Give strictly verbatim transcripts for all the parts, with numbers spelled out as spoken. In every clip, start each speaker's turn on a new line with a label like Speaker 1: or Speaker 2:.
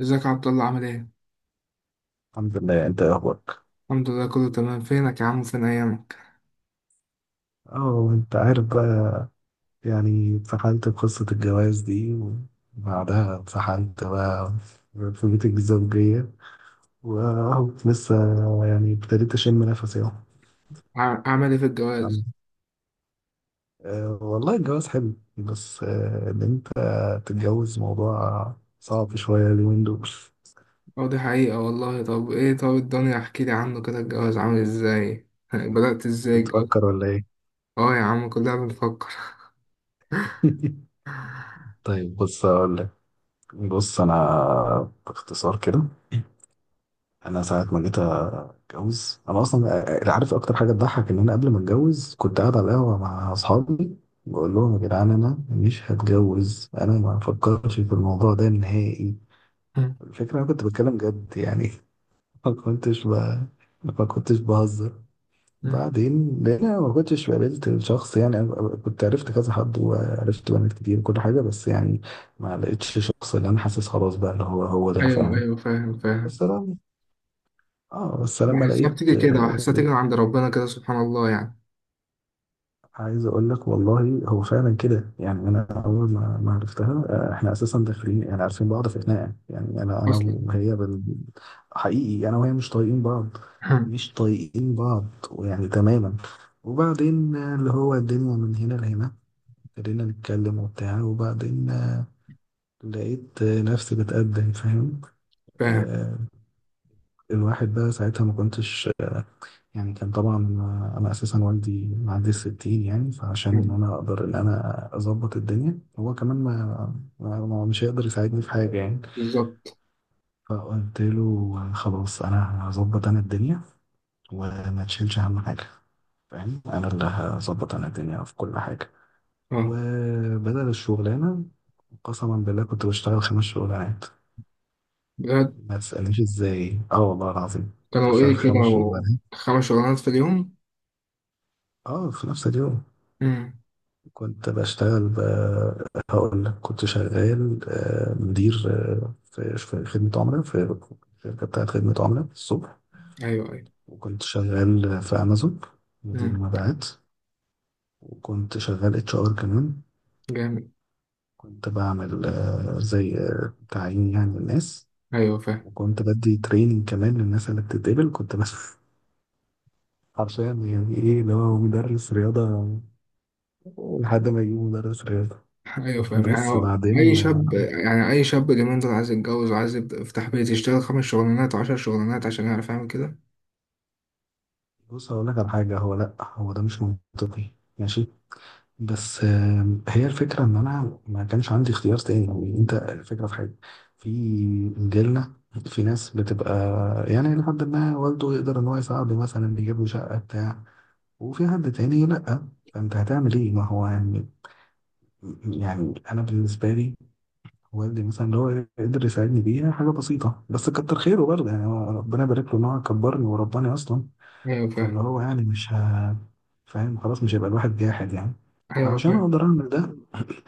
Speaker 1: ازيك يا عبد الله، عامل ايه؟
Speaker 2: الحمد لله، انت ايه اخبارك؟
Speaker 1: الحمد لله، كله تمام. فينك يا عم وفين ايامك؟
Speaker 2: اه، انت عارف بقى، يعني اتسحلت في قصة الجواز دي، وبعدها اتسحلت بقى في بيت الزوجية، واهو لسه يعني ابتديت اشم نفسي اهو.
Speaker 1: ع- عامل ايه في
Speaker 2: تمام.
Speaker 1: الجواز؟
Speaker 2: اه والله الجواز حلو، بس اه ان انت تتجوز موضوع صعب شوية اليومين دول.
Speaker 1: اه، دي حقيقة والله. طب ايه، طب الدنيا احكي لي عنه كده، الجواز عامل ازاي؟ بدأت ازاي
Speaker 2: بتفكر
Speaker 1: الجواز؟
Speaker 2: ولا ايه؟
Speaker 1: اه يا عم، كلنا بنفكر.
Speaker 2: طيب بص اقول لك. بص انا باختصار كده، انا ساعة ما جيت اتجوز انا اصلا، عارف اكتر حاجه تضحك؟ ان انا قبل ما اتجوز كنت قاعد على القهوه مع اصحابي بقول لهم: يا جدعان انا مش هتجوز، انا ما بفكرش في الموضوع ده نهائي. الفكره انا كنت بتكلم جد يعني. ما كنتش ب... ما كنتش بهزر. بعدين لان انا ما كنتش قابلت الشخص، يعني أنا كنت عرفت كذا حد وعرفت بنات كتير وكل حاجه، بس يعني ما لقيتش شخص اللي انا حاسس خلاص بقى اللي هو هو ده،
Speaker 1: ايوه
Speaker 2: فاهم؟
Speaker 1: ايوه، فاهم فاهم.
Speaker 2: بس انا اه بس لما
Speaker 1: بحسها
Speaker 2: لقيت،
Speaker 1: بتيجي كده، بحسها تيجي من عند ربنا كده، سبحان الله يعني.
Speaker 2: عايز اقول لك والله هو فعلا كده يعني. انا اول ما ما عرفتها آه، احنا اساسا داخلين يعني عارفين بعض في خناقه، يعني انا انا
Speaker 1: اصلا.
Speaker 2: وهي بال... حقيقي انا وهي مش طايقين بعض، مش طايقين بعض، ويعني تماما. وبعدين آه، اللي هو الدنيا من هنا لهنا ابتدينا نتكلم وبتاع، وبعدين آه، لقيت آه، نفسي بتقدم، فاهم؟
Speaker 1: فاهم.
Speaker 2: آه، الواحد بقى ساعتها ما كنتش، يعني كان طبعا انا اساسا والدي معدي الستين، يعني فعشان ان انا اقدر ان انا اظبط الدنيا، هو كمان ما, ما ما- مش هيقدر يساعدني في حاجه يعني.
Speaker 1: بالظبط.
Speaker 2: فقلت له: خلاص انا هظبط انا الدنيا، وما تشيلش اهم حاجه، فاهم؟ انا اللي هظبط انا الدنيا في كل حاجه.
Speaker 1: اه،
Speaker 2: وبدل الشغلانه، قسما بالله كنت بشتغل خمس شغلانات.
Speaker 1: بجد؟
Speaker 2: ما تسألنيش ازاي، اه والله العظيم كنت
Speaker 1: كانوا
Speaker 2: بشتغل
Speaker 1: ايه كده؟
Speaker 2: خمس شغلانات.
Speaker 1: خمس شغلانات في اليوم؟
Speaker 2: اه في نفس اليوم.
Speaker 1: امم.
Speaker 2: كنت بشتغل ب... هقول لك، كنت شغال آه، مدير آه، في في خدمة عملاء، في الشركة بتاعت خدمة عملاء الصبح.
Speaker 1: ايوه ايوه.
Speaker 2: وكنت شغال في أمازون مدير
Speaker 1: امم.
Speaker 2: مبيعات. وكنت شغال اتش ار كمان،
Speaker 1: جامد.
Speaker 2: كنت بعمل آه، زي آه، تعيين يعني الناس.
Speaker 1: ايوه فاهم.
Speaker 2: وكنت بدي تريننج كمان للناس اللي بتتقبل، كنت بس حرفيا يعني ايه اللي هو مدرس رياضة، لحد ما يجيبوا مدرس رياضة.
Speaker 1: ايوه فاهم
Speaker 2: بس
Speaker 1: يعني. اي
Speaker 2: بعدين،
Speaker 1: شاب يعني اي شاب اليومين دول عايز يتجوز، وعايز يبدأ يفتح بيت، يشتغل خمس شغلانات وعشر شغلانات عشان يعرف يعمل كده.
Speaker 2: بص هقول لك على حاجة، هو لأ هو ده مش منطقي، ماشي، بس آم، هي الفكرة إن أنا ما كانش عندي اختيار تاني يعني. أنت الفكرة في حاجة، في جيلنا في ناس بتبقى يعني لحد ما والده يقدر إن هو يساعده، مثلا بيجيب له شقة بتاع وفي حد تاني لأ. فأنت هتعمل إيه؟ ما هو يعني، يعني أنا بالنسبة لي والدي مثلا اللي هو قدر يساعدني بيها حاجة بسيطة، بس كتر خيره برضه يعني، هو ربنا يبارك له إن هو كبرني ورباني أصلا.
Speaker 1: ايوه
Speaker 2: فاللي
Speaker 1: فاهم.
Speaker 2: هو يعني مش ه... فاهم، خلاص مش هيبقى الواحد جاحد يعني.
Speaker 1: ايوه
Speaker 2: فعشان
Speaker 1: فاهم.
Speaker 2: اقدر اعمل ده،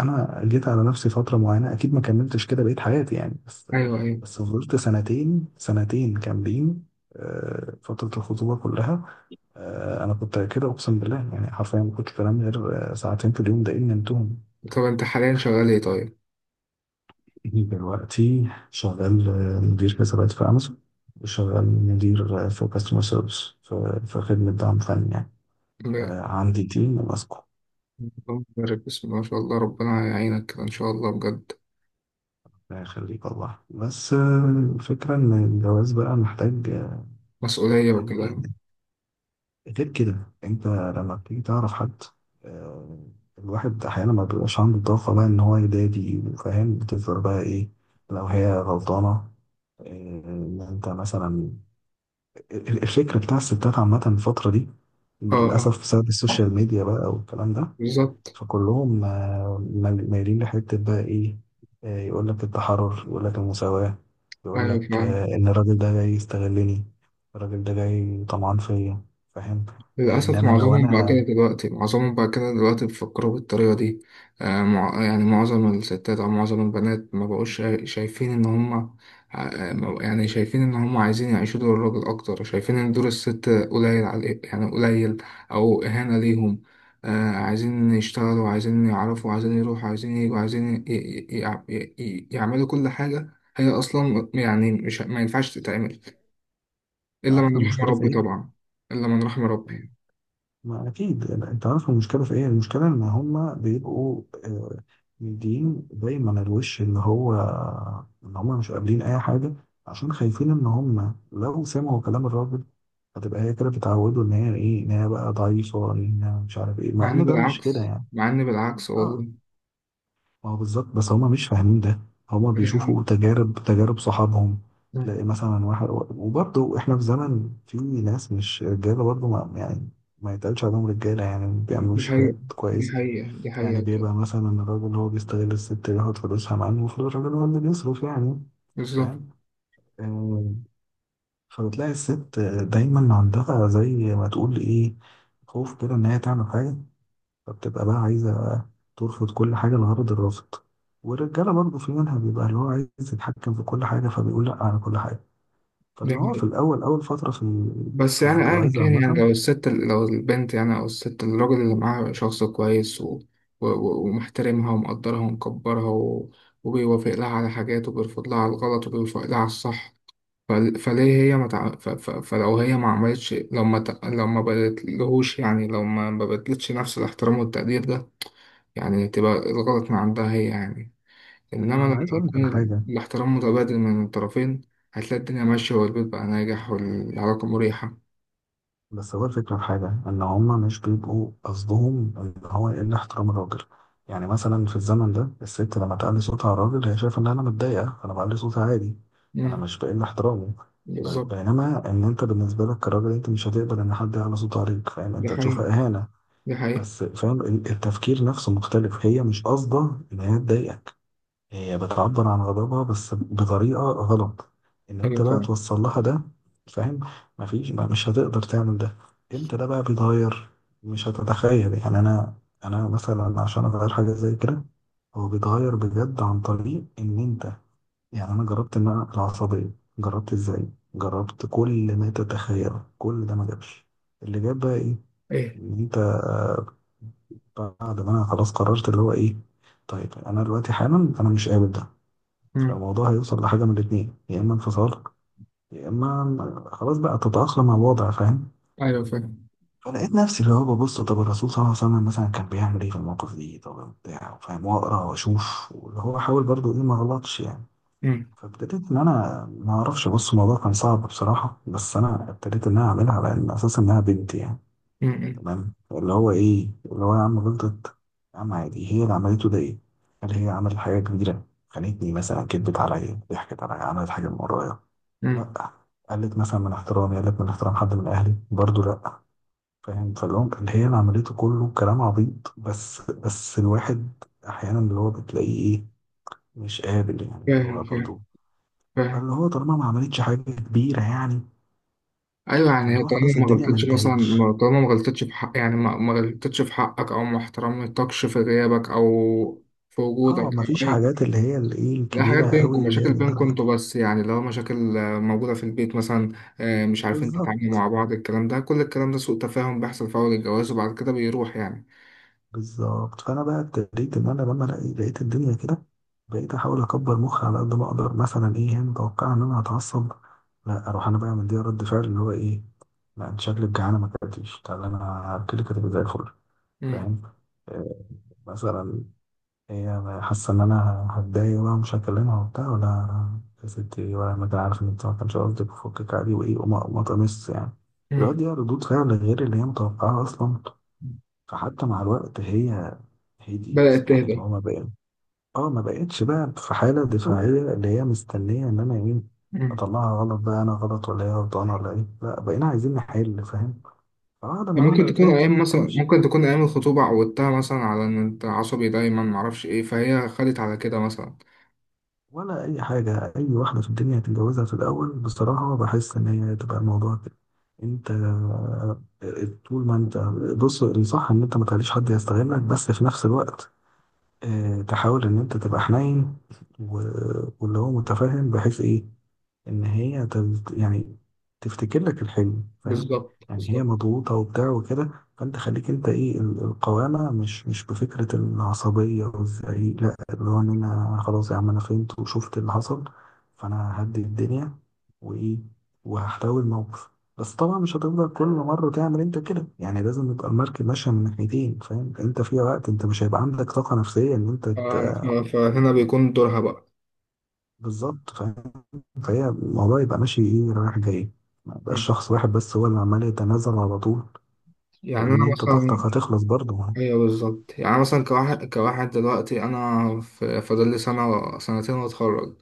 Speaker 2: انا جيت على نفسي فتره معينه، اكيد ما كملتش كده بقيت حياتي يعني، بس
Speaker 1: ايوه ايوه.
Speaker 2: بس فضلت سنتين، سنتين كاملين، آه، فتره الخطوبه كلها آه، انا كنت كده اقسم بالله يعني، حرفيا ما كنتش بنام غير آه، ساعتين في اليوم، ده ان نمتهم.
Speaker 1: طب انت حاليا شغال ايه طيب؟
Speaker 2: دلوقتي شغال آه، مدير حسابات في امازون. وشغال مدير آه، في كاستمر سيرفيس، في في خدمه دعم فني يعني،
Speaker 1: لا.
Speaker 2: آه، عندي تيم ماسكه.
Speaker 1: اللهم بارك، بسم الله ما شاء الله، ربنا يعينك كده ان شاء الله بجد.
Speaker 2: لا يخليك والله. بس آه، الفكرة إن الجواز بقى محتاج،
Speaker 1: مسؤولية
Speaker 2: محتاج
Speaker 1: وكده.
Speaker 2: يعني، غير كده أنت لما بتيجي تعرف حد، آه، الواحد أحيانا ما بيبقاش عنده الطاقة بقى إن هو يدادي وفاهم، بتفضل بقى إيه؟ لو هي غلطانة، آه، إن أنت مثلا، ال- الفكرة بتاع الستات عامة الفترة دي
Speaker 1: اه.
Speaker 2: للأسف بسبب
Speaker 1: اه.
Speaker 2: السوشيال ميديا بقى والكلام ده،
Speaker 1: بالظبط.
Speaker 2: فكلهم آه، مال- مايلين لحتة بقى إيه، يقول لك التحرر، يقول لك المساواة، يقول
Speaker 1: ايوه
Speaker 2: لك
Speaker 1: فاهم.
Speaker 2: إن الراجل ده جاي يستغلني، الراجل ده جاي طمعان فيا، فاهم؟ آه، إن
Speaker 1: للأسف،
Speaker 2: أنا لو
Speaker 1: معظمهم بقى كده
Speaker 2: أنا،
Speaker 1: دلوقتي معظمهم بقى كده دلوقتي بيفكروا بالطريقة دي. آه، مع- يعني معظم الستات أو معظم البنات ما بقوش شا- شايفين إن هما، آه، ما- يعني شايفين إن هما عايزين يعيشوا دور الراجل أكتر، شايفين إن دور الست قليل على، يعني قليل، أو إهانة ليهم. آه، عايزين يشتغلوا، عايزين يعرفوا، عايزين يروحوا، عايزين يجوا، عايزين ي- ي- ي- ي- يعملوا كل حاجة. هي أصلا يعني مش، ما ينفعش تتعمل إلا
Speaker 2: عارف
Speaker 1: من رحم
Speaker 2: المشكلة في
Speaker 1: ربي
Speaker 2: إيه؟
Speaker 1: طبعا. إلا من رحم ربي.
Speaker 2: ما أكيد أنت عارف المشكلة في إيه. المشكلة إن هما بيبقوا آه، مدين دايما الوش، اللي هو إن هما مش قابلين أي حاجة، عشان خايفين إن هما لو سمعوا كلام الراجل هتبقى هي كده، بتعودوا إن هي إيه، إن هي بقى ضعيفة، إن هي مش عارف إيه،
Speaker 1: مع
Speaker 2: مع
Speaker 1: إن
Speaker 2: إن ده مش كده
Speaker 1: بالعكس،
Speaker 2: يعني.
Speaker 1: مع إن بالعكس
Speaker 2: آه،
Speaker 1: والله.
Speaker 2: ما هو بالظبط، بس هما مش فاهمين ده. هما
Speaker 1: دي حقيقة،
Speaker 2: بيشوفوا تجارب تجارب صحابهم، تلاقي مثلا واحد، وبرضه احنا في زمن في ناس مش رجاله برضه، ما يعني ما يتقالش عليهم رجاله يعني، ما
Speaker 1: دي
Speaker 2: بيعملوش حاجات
Speaker 1: حقيقة، دي
Speaker 2: كويس.
Speaker 1: حقيقة، دي
Speaker 2: يعني
Speaker 1: حقيقة بجد.
Speaker 2: بيبقى مثلا الراجل هو بيستغل الست، بياخد فلوسها، مع انه المفروض الراجل هو اللي بيصرف يعني،
Speaker 1: بالظبط.
Speaker 2: فاهم؟ آه، فبتلاقي الست دايما عندها زي ما تقول ايه، خوف كده ان هي تعمل حاجه، فبتبقى بقى عايزة ترفض كل حاجة لغرض الرفض. والرجالة برضه في منها بيبقى اللي هو عايز يتحكم في كل حاجة، فبيقول لأ على كل حاجة.
Speaker 1: دي
Speaker 2: فاللي هو في
Speaker 1: حقيقة.
Speaker 2: الأول، أول فترة في
Speaker 1: بس
Speaker 2: في
Speaker 1: يعني أيا
Speaker 2: الجواز
Speaker 1: كان، يعني
Speaker 2: عامة،
Speaker 1: لو الست لو البنت، يعني أو الست، الراجل اللي معاها شخص كويس و... و... و- ومحترمها ومقدرها ومكبرها و... وبيوافق لها على حاجات، وبيرفض لها على الغلط، وبيوافق لها على الصح. فل... فليه هي ما تع... ف... ف... فلو هي ما عملتش، لو ما ت... لو ما بدتلهوش، يعني لو ما ما بدلتش نفس الاحترام والتقدير ده، يعني تبقى الغلط من عندها هي يعني. إنما
Speaker 2: ما
Speaker 1: لما
Speaker 2: أنا عايز أقول لك على
Speaker 1: يكون
Speaker 2: حاجة،
Speaker 1: الاحترام متبادل من الطرفين، هتلاقي الدنيا ماشية والبيت بقى ناجح والعلاقة مريحة.
Speaker 2: بس هو الفكرة في حاجة إن هما مش بيبقوا قصدهم إن هو إلا احترام الراجل. يعني مثلا في الزمن ده، الست لما تعلي صوتها على الراجل، هي شايفة إن أنا متضايقة فأنا بعلي صوتي عادي، أنا
Speaker 1: مم.
Speaker 2: مش بقل احترامه. ب-
Speaker 1: بالظبط.
Speaker 2: بينما إن أنت بالنسبة لك كراجل، أنت مش هتقبل إن حد يعلي صوته عليك، فاهم؟
Speaker 1: دي
Speaker 2: أنت هتشوفها
Speaker 1: حقيقة.
Speaker 2: إهانة.
Speaker 1: دي حقيقة.
Speaker 2: بس فاهم ال- التفكير نفسه مختلف، هي مش قصده إن هي تضايقك، هي بتعبر عن غضبها بس بطريقة غلط، ان
Speaker 1: أيوة
Speaker 2: انت بقى
Speaker 1: فاهم.
Speaker 2: توصل لها ده، فاهم؟ مفيش، ما مش هتقدر تعمل ده. امتى ده بقى بيتغير؟ مش هتتخيل يعني. انا انا مثلا عشان اغير حاجة زي كده، هو بيتغير بجد عن طريق ان انت، يعني انا جربت ان انا العصبية، جربت ازاي، جربت كل ما تتخيله، كل ده ما جابش. اللي جاب بقى ايه؟
Speaker 1: إيه؟
Speaker 2: ان انت آه، بعد ما انا خلاص قررت اللي هو ايه، طيب انا دلوقتي حالا انا مش قابل ده،
Speaker 1: مم.
Speaker 2: فالموضوع هيوصل لحاجة من الاتنين، يا إما انفصال، يا إما م- خلاص بقى تتأقلم مع الوضع، فاهم؟
Speaker 1: أيوه فاهم.
Speaker 2: فلقيت نفسي اللي هو ببص طب الرسول صلى الله عليه وسلم مثلا كان بيعمل إيه في المواقف دي، طب بتاع فاهم، وأقرأ وأشوف، واللي هو حاول برضه إيه، ما غلطش يعني.
Speaker 1: مم.
Speaker 2: فابتديت إن أنا ما أعرفش، بص الموضوع كان صعب بصراحة، بس أنا ابتديت إن أنا أعملها على إن أساس إنها بنتي يعني،
Speaker 1: مم. مم.
Speaker 2: تمام؟ اللي هو إيه اللي هو، يا عم غلطت، يا عم عادي، هي اللي عملته ده إيه؟ هل هي عملت حاجة كبيرة؟ خانتني مثلا؟ كدبت عليا؟ ضحكت عليا؟ عملت حاجة من ورايا؟
Speaker 1: مم.
Speaker 2: لا. قلت مثلا من احترامي؟ قلت من احترام حد من اهلي برضو؟ لا. فاهم؟ فاللي، اللي هي اللي عملته كله كلام عبيط بس، بس الواحد احيانا اللي هو بتلاقيه ايه، مش قابل يعني اللي هو
Speaker 1: فاهم فاهم
Speaker 2: برضو.
Speaker 1: فاهم.
Speaker 2: فاللي هو طالما ما عملتش حاجه كبيره يعني،
Speaker 1: أيوه، يعني
Speaker 2: فاللي
Speaker 1: هي
Speaker 2: هو خلاص
Speaker 1: طالما ما
Speaker 2: الدنيا ما
Speaker 1: غلطتش مثلا،
Speaker 2: انتهتش.
Speaker 1: ما- طالما ما غلطتش في حق، يعني ما ما غلطتش في حقك، أو ما احترمتكش في غيابك، أو في وجودك،
Speaker 2: اه ما فيش
Speaker 1: أو أي
Speaker 2: حاجات اللي
Speaker 1: كلام.
Speaker 2: هي الايه،
Speaker 1: لا، حاجات
Speaker 2: الكبيره قوي
Speaker 1: بينكم،
Speaker 2: اللي هي
Speaker 1: مشاكل بينكم
Speaker 2: للدرجه دي.
Speaker 1: انتوا بس، يعني لو مشاكل آه، موجودة في البيت مثلا. آه، مش عارفين
Speaker 2: بالظبط،
Speaker 1: تتعاملوا مع بعض، الكلام ده كل الكلام ده سوء تفاهم، بيحصل في أول الجواز وبعد كده بيروح يعني.
Speaker 2: بالظبط. فانا بقى ابتديت ان انا لما لقي- لقيت الدنيا كده، بقيت احاول اكبر مخي على قد ما اقدر. مثلا ايه، هي متوقعه ان انا هتعصب، لا اروح انا بقى مديها رد فعل اللي هو ايه. لا انت شكلك جعانه، ما اكلتيش، تعالى انا هاكلك كده زي الفل،
Speaker 1: مم.
Speaker 2: فاهم؟ آه، مثلا هي حاسه ان انا هتضايق بقى مش هكلمها وبتاع، ولا يا ستي، ولا ما أنا عارف ان انت ما كانش قصدك، وفكك عادي وايه، وما، وما تمس يعني. الواد
Speaker 1: مم.
Speaker 2: دي ردود فعل غير اللي هي متوقعه اصلا. فحتى مع الوقت هي هديت،
Speaker 1: بدأت
Speaker 2: يعني اللي هو
Speaker 1: تهدى.
Speaker 2: ما بقى، اه ما بقتش بقى في حالة دفاعية، اللي هي مستنية ان انا ايه،
Speaker 1: مم.
Speaker 2: اطلعها غلط بقى، انا غلط ولا هي غلطانة ولا ايه، لا بقينا عايزين نحل، فاهم؟ فواحدة مع واحدة
Speaker 1: ممكن تكون
Speaker 2: بتلاقي
Speaker 1: أيام
Speaker 2: الدنيا
Speaker 1: مثلا
Speaker 2: بتمشي،
Speaker 1: ممكن تكون أيام الخطوبة عودتها مثلا على إن أنت عصبي دايما، معرفش إيه، فهي خدت على كده مثلا.
Speaker 2: ولا اي حاجة. اي واحدة في الدنيا هتتجوزها في الاول بصراحة بحس ان هي تبقى الموضوع كده. انت آه، طول ما انت، بص الصح ان انت ما تخليش حد يستغلك، بس في نفس الوقت آه، تحاول ان انت تبقى حنين، و- واللي هو متفاهم بحيث ايه، ان هي تز- يعني تفتكر لك الحلم، فاهم؟
Speaker 1: بالظبط
Speaker 2: يعني هي
Speaker 1: بالظبط.
Speaker 2: مضغوطه وبتاع وكده، فانت خليك انت ايه، ال- القوامه مش، مش بفكره العصبيه والزعيق، لا، اللي هو ان انا خلاص يا عم انا فهمت وشفت اللي حصل، فانا هدي الدنيا وايه، وهحتوي الموقف. بس طبعا مش هتفضل كل مره تعمل انت كده يعني، لازم يبقى المركب ماشيه من ناحيتين، فاهم؟ انت في وقت انت مش هيبقى عندك طاقه نفسيه ان انت
Speaker 1: ف-
Speaker 2: ت-
Speaker 1: ف- فهنا بيكون دورها بقى.
Speaker 2: بالظبط، فاهم؟ فهي الموضوع يبقى ماشي ايه، رايح جاي، ما يبقاش
Speaker 1: مم.
Speaker 2: شخص واحد بس هو اللي عمال يتنازل على طول،
Speaker 1: يعني
Speaker 2: لان
Speaker 1: أنا
Speaker 2: انت طاقتك
Speaker 1: مثلا.
Speaker 2: هتخلص برضه.
Speaker 1: ايوه بالظبط، يعني مثلا كواحد كواحد دلوقتي، انا في- فاضل لي سنه سنتين واتخرج.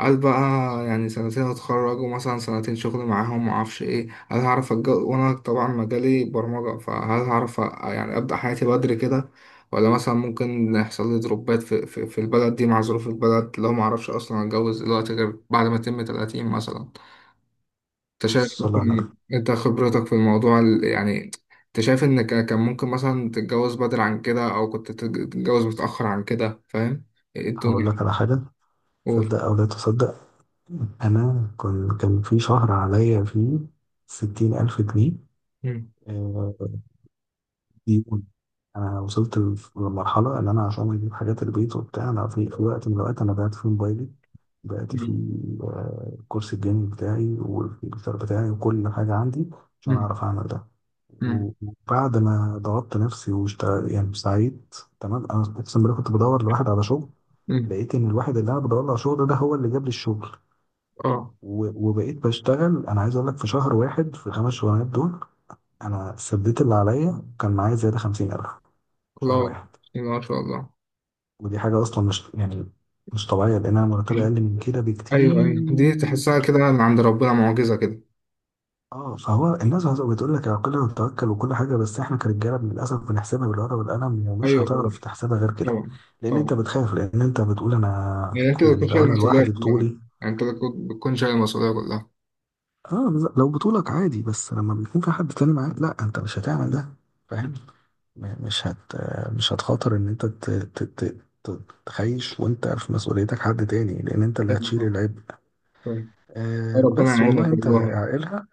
Speaker 1: هل بقى، يعني سنتين اتخرج ومثلا سنتين شغل معاهم، معرفش ايه، هل هعرف أتج- وانا طبعا مجالي برمجه، فهل هعرف أ- يعني ابدا حياتي بدري كده، ولا مثلا ممكن يحصل لي دروبات في, في, في البلد دي مع ظروف البلد، لو معرفش اصلا اتجوز دلوقتي غير بعد ما اتم ثلاثين مثلا؟ انت شايف
Speaker 2: بص والله انا
Speaker 1: مثلا، انت خبرتك في الموضوع، ال- يعني انت شايف ان ك- كان ممكن مثلا تتجوز بدري عن كده، او كنت تتج- تتجوز متأخر عن كده فاهم؟ ايه
Speaker 2: هقول لك
Speaker 1: الدنيا؟
Speaker 2: على حاجه،
Speaker 1: قول.
Speaker 2: صدق او لا تصدق، انا كان كان في شهر عليا فيه ستين الف جنيه
Speaker 1: مم.
Speaker 2: آه، ديون. انا وصلت لف- للمرحله اللي انا عشان اجيب حاجات البيت وبتاع، انا في في وقت من الاوقات انا بعت فيه موبايلي، بعت فيه
Speaker 1: مم.
Speaker 2: آه، الكورس الجيمنج بتاعي، والكمبيوتر بتاعي، وكل حاجه عندي، عشان
Speaker 1: مم.
Speaker 2: اعرف اعمل ده. و-
Speaker 1: مم.
Speaker 2: وبعد ما ضغطت نفسي واشتغل يعني سعيد، تمام، انا اقسم بالله كنت بدور لواحد على شغل،
Speaker 1: مم.
Speaker 2: لقيت ان الواحد اللي انا بدور له على شغل ده هو اللي جاب لي الشغل.
Speaker 1: اه.
Speaker 2: و- وبقيت بشتغل. انا عايز اقول لك، في شهر واحد في الخمس شغلانات دول، انا سديت اللي عليا، كان معايا زياده خمسين الف، شهر
Speaker 1: الله.
Speaker 2: واحد.
Speaker 1: بسم الله ما شاء الله.
Speaker 2: ودي حاجة أصلا مش يعني، مش طبيعية، لأنها مرتبة
Speaker 1: مم.
Speaker 2: أقل من كده
Speaker 1: ايوه ايوه، دي تحسها
Speaker 2: بكتير.
Speaker 1: كده من عند ربنا، معجزة كده.
Speaker 2: اه فهو الناس بتقول لك العقل والتوكل وكل حاجة، بس احنا كرجالة للأسف بنحسبها بالورقة والقلم، ومش
Speaker 1: ايوه
Speaker 2: هتعرف
Speaker 1: طبعا.
Speaker 2: تحسبها غير كده.
Speaker 1: طبعا.
Speaker 2: لأن أنت
Speaker 1: طبعا.
Speaker 2: بتخاف، لأن أنت بتقول أنا،
Speaker 1: يعني انت اللي بتكون
Speaker 2: يعني لو
Speaker 1: شايل
Speaker 2: أنا
Speaker 1: المسؤولية
Speaker 2: لوحدي
Speaker 1: كلها يعني.
Speaker 2: بطولي،
Speaker 1: انت اللي بتكون بتكون شايل المسؤولية كلها.
Speaker 2: اه، بز- لو بطولك عادي، بس لما بيكون في حد تاني معاك لا، أنت مش هتعمل ده،
Speaker 1: مم.
Speaker 2: فاهم؟ م- مش هت مش هتخاطر إن أنت ت- ت- ت- ت- تخيش وأنت في مسؤوليتك حد تاني، لأن أنت اللي
Speaker 1: ايوه
Speaker 2: هتشيل
Speaker 1: طبعا.
Speaker 2: العبء.
Speaker 1: طيب.
Speaker 2: آه،
Speaker 1: ربنا
Speaker 2: بس والله
Speaker 1: يعينك
Speaker 2: انت
Speaker 1: والله.
Speaker 2: عائلها،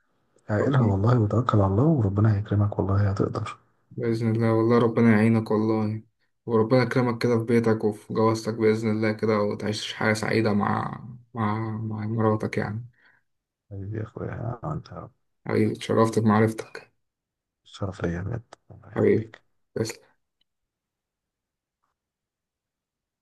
Speaker 2: عائلها
Speaker 1: ربنا.
Speaker 2: والله، وتوكل على الله، وربنا هيكرمك والله هتقدر.
Speaker 1: بإذن الله والله، ربنا يعينك والله. وربنا يكرمك كده في بيتك وفي جوازتك بإذن الله كده، وتعيش حياة سعيدة مع مع مع مراتك يعني.
Speaker 2: حبيبي يا اخويا انت،
Speaker 1: حبيبي، اتشرفت بمعرفتك.
Speaker 2: شرف ليا بجد، الله
Speaker 1: حبيبي،
Speaker 2: يخليك.
Speaker 1: تسلم.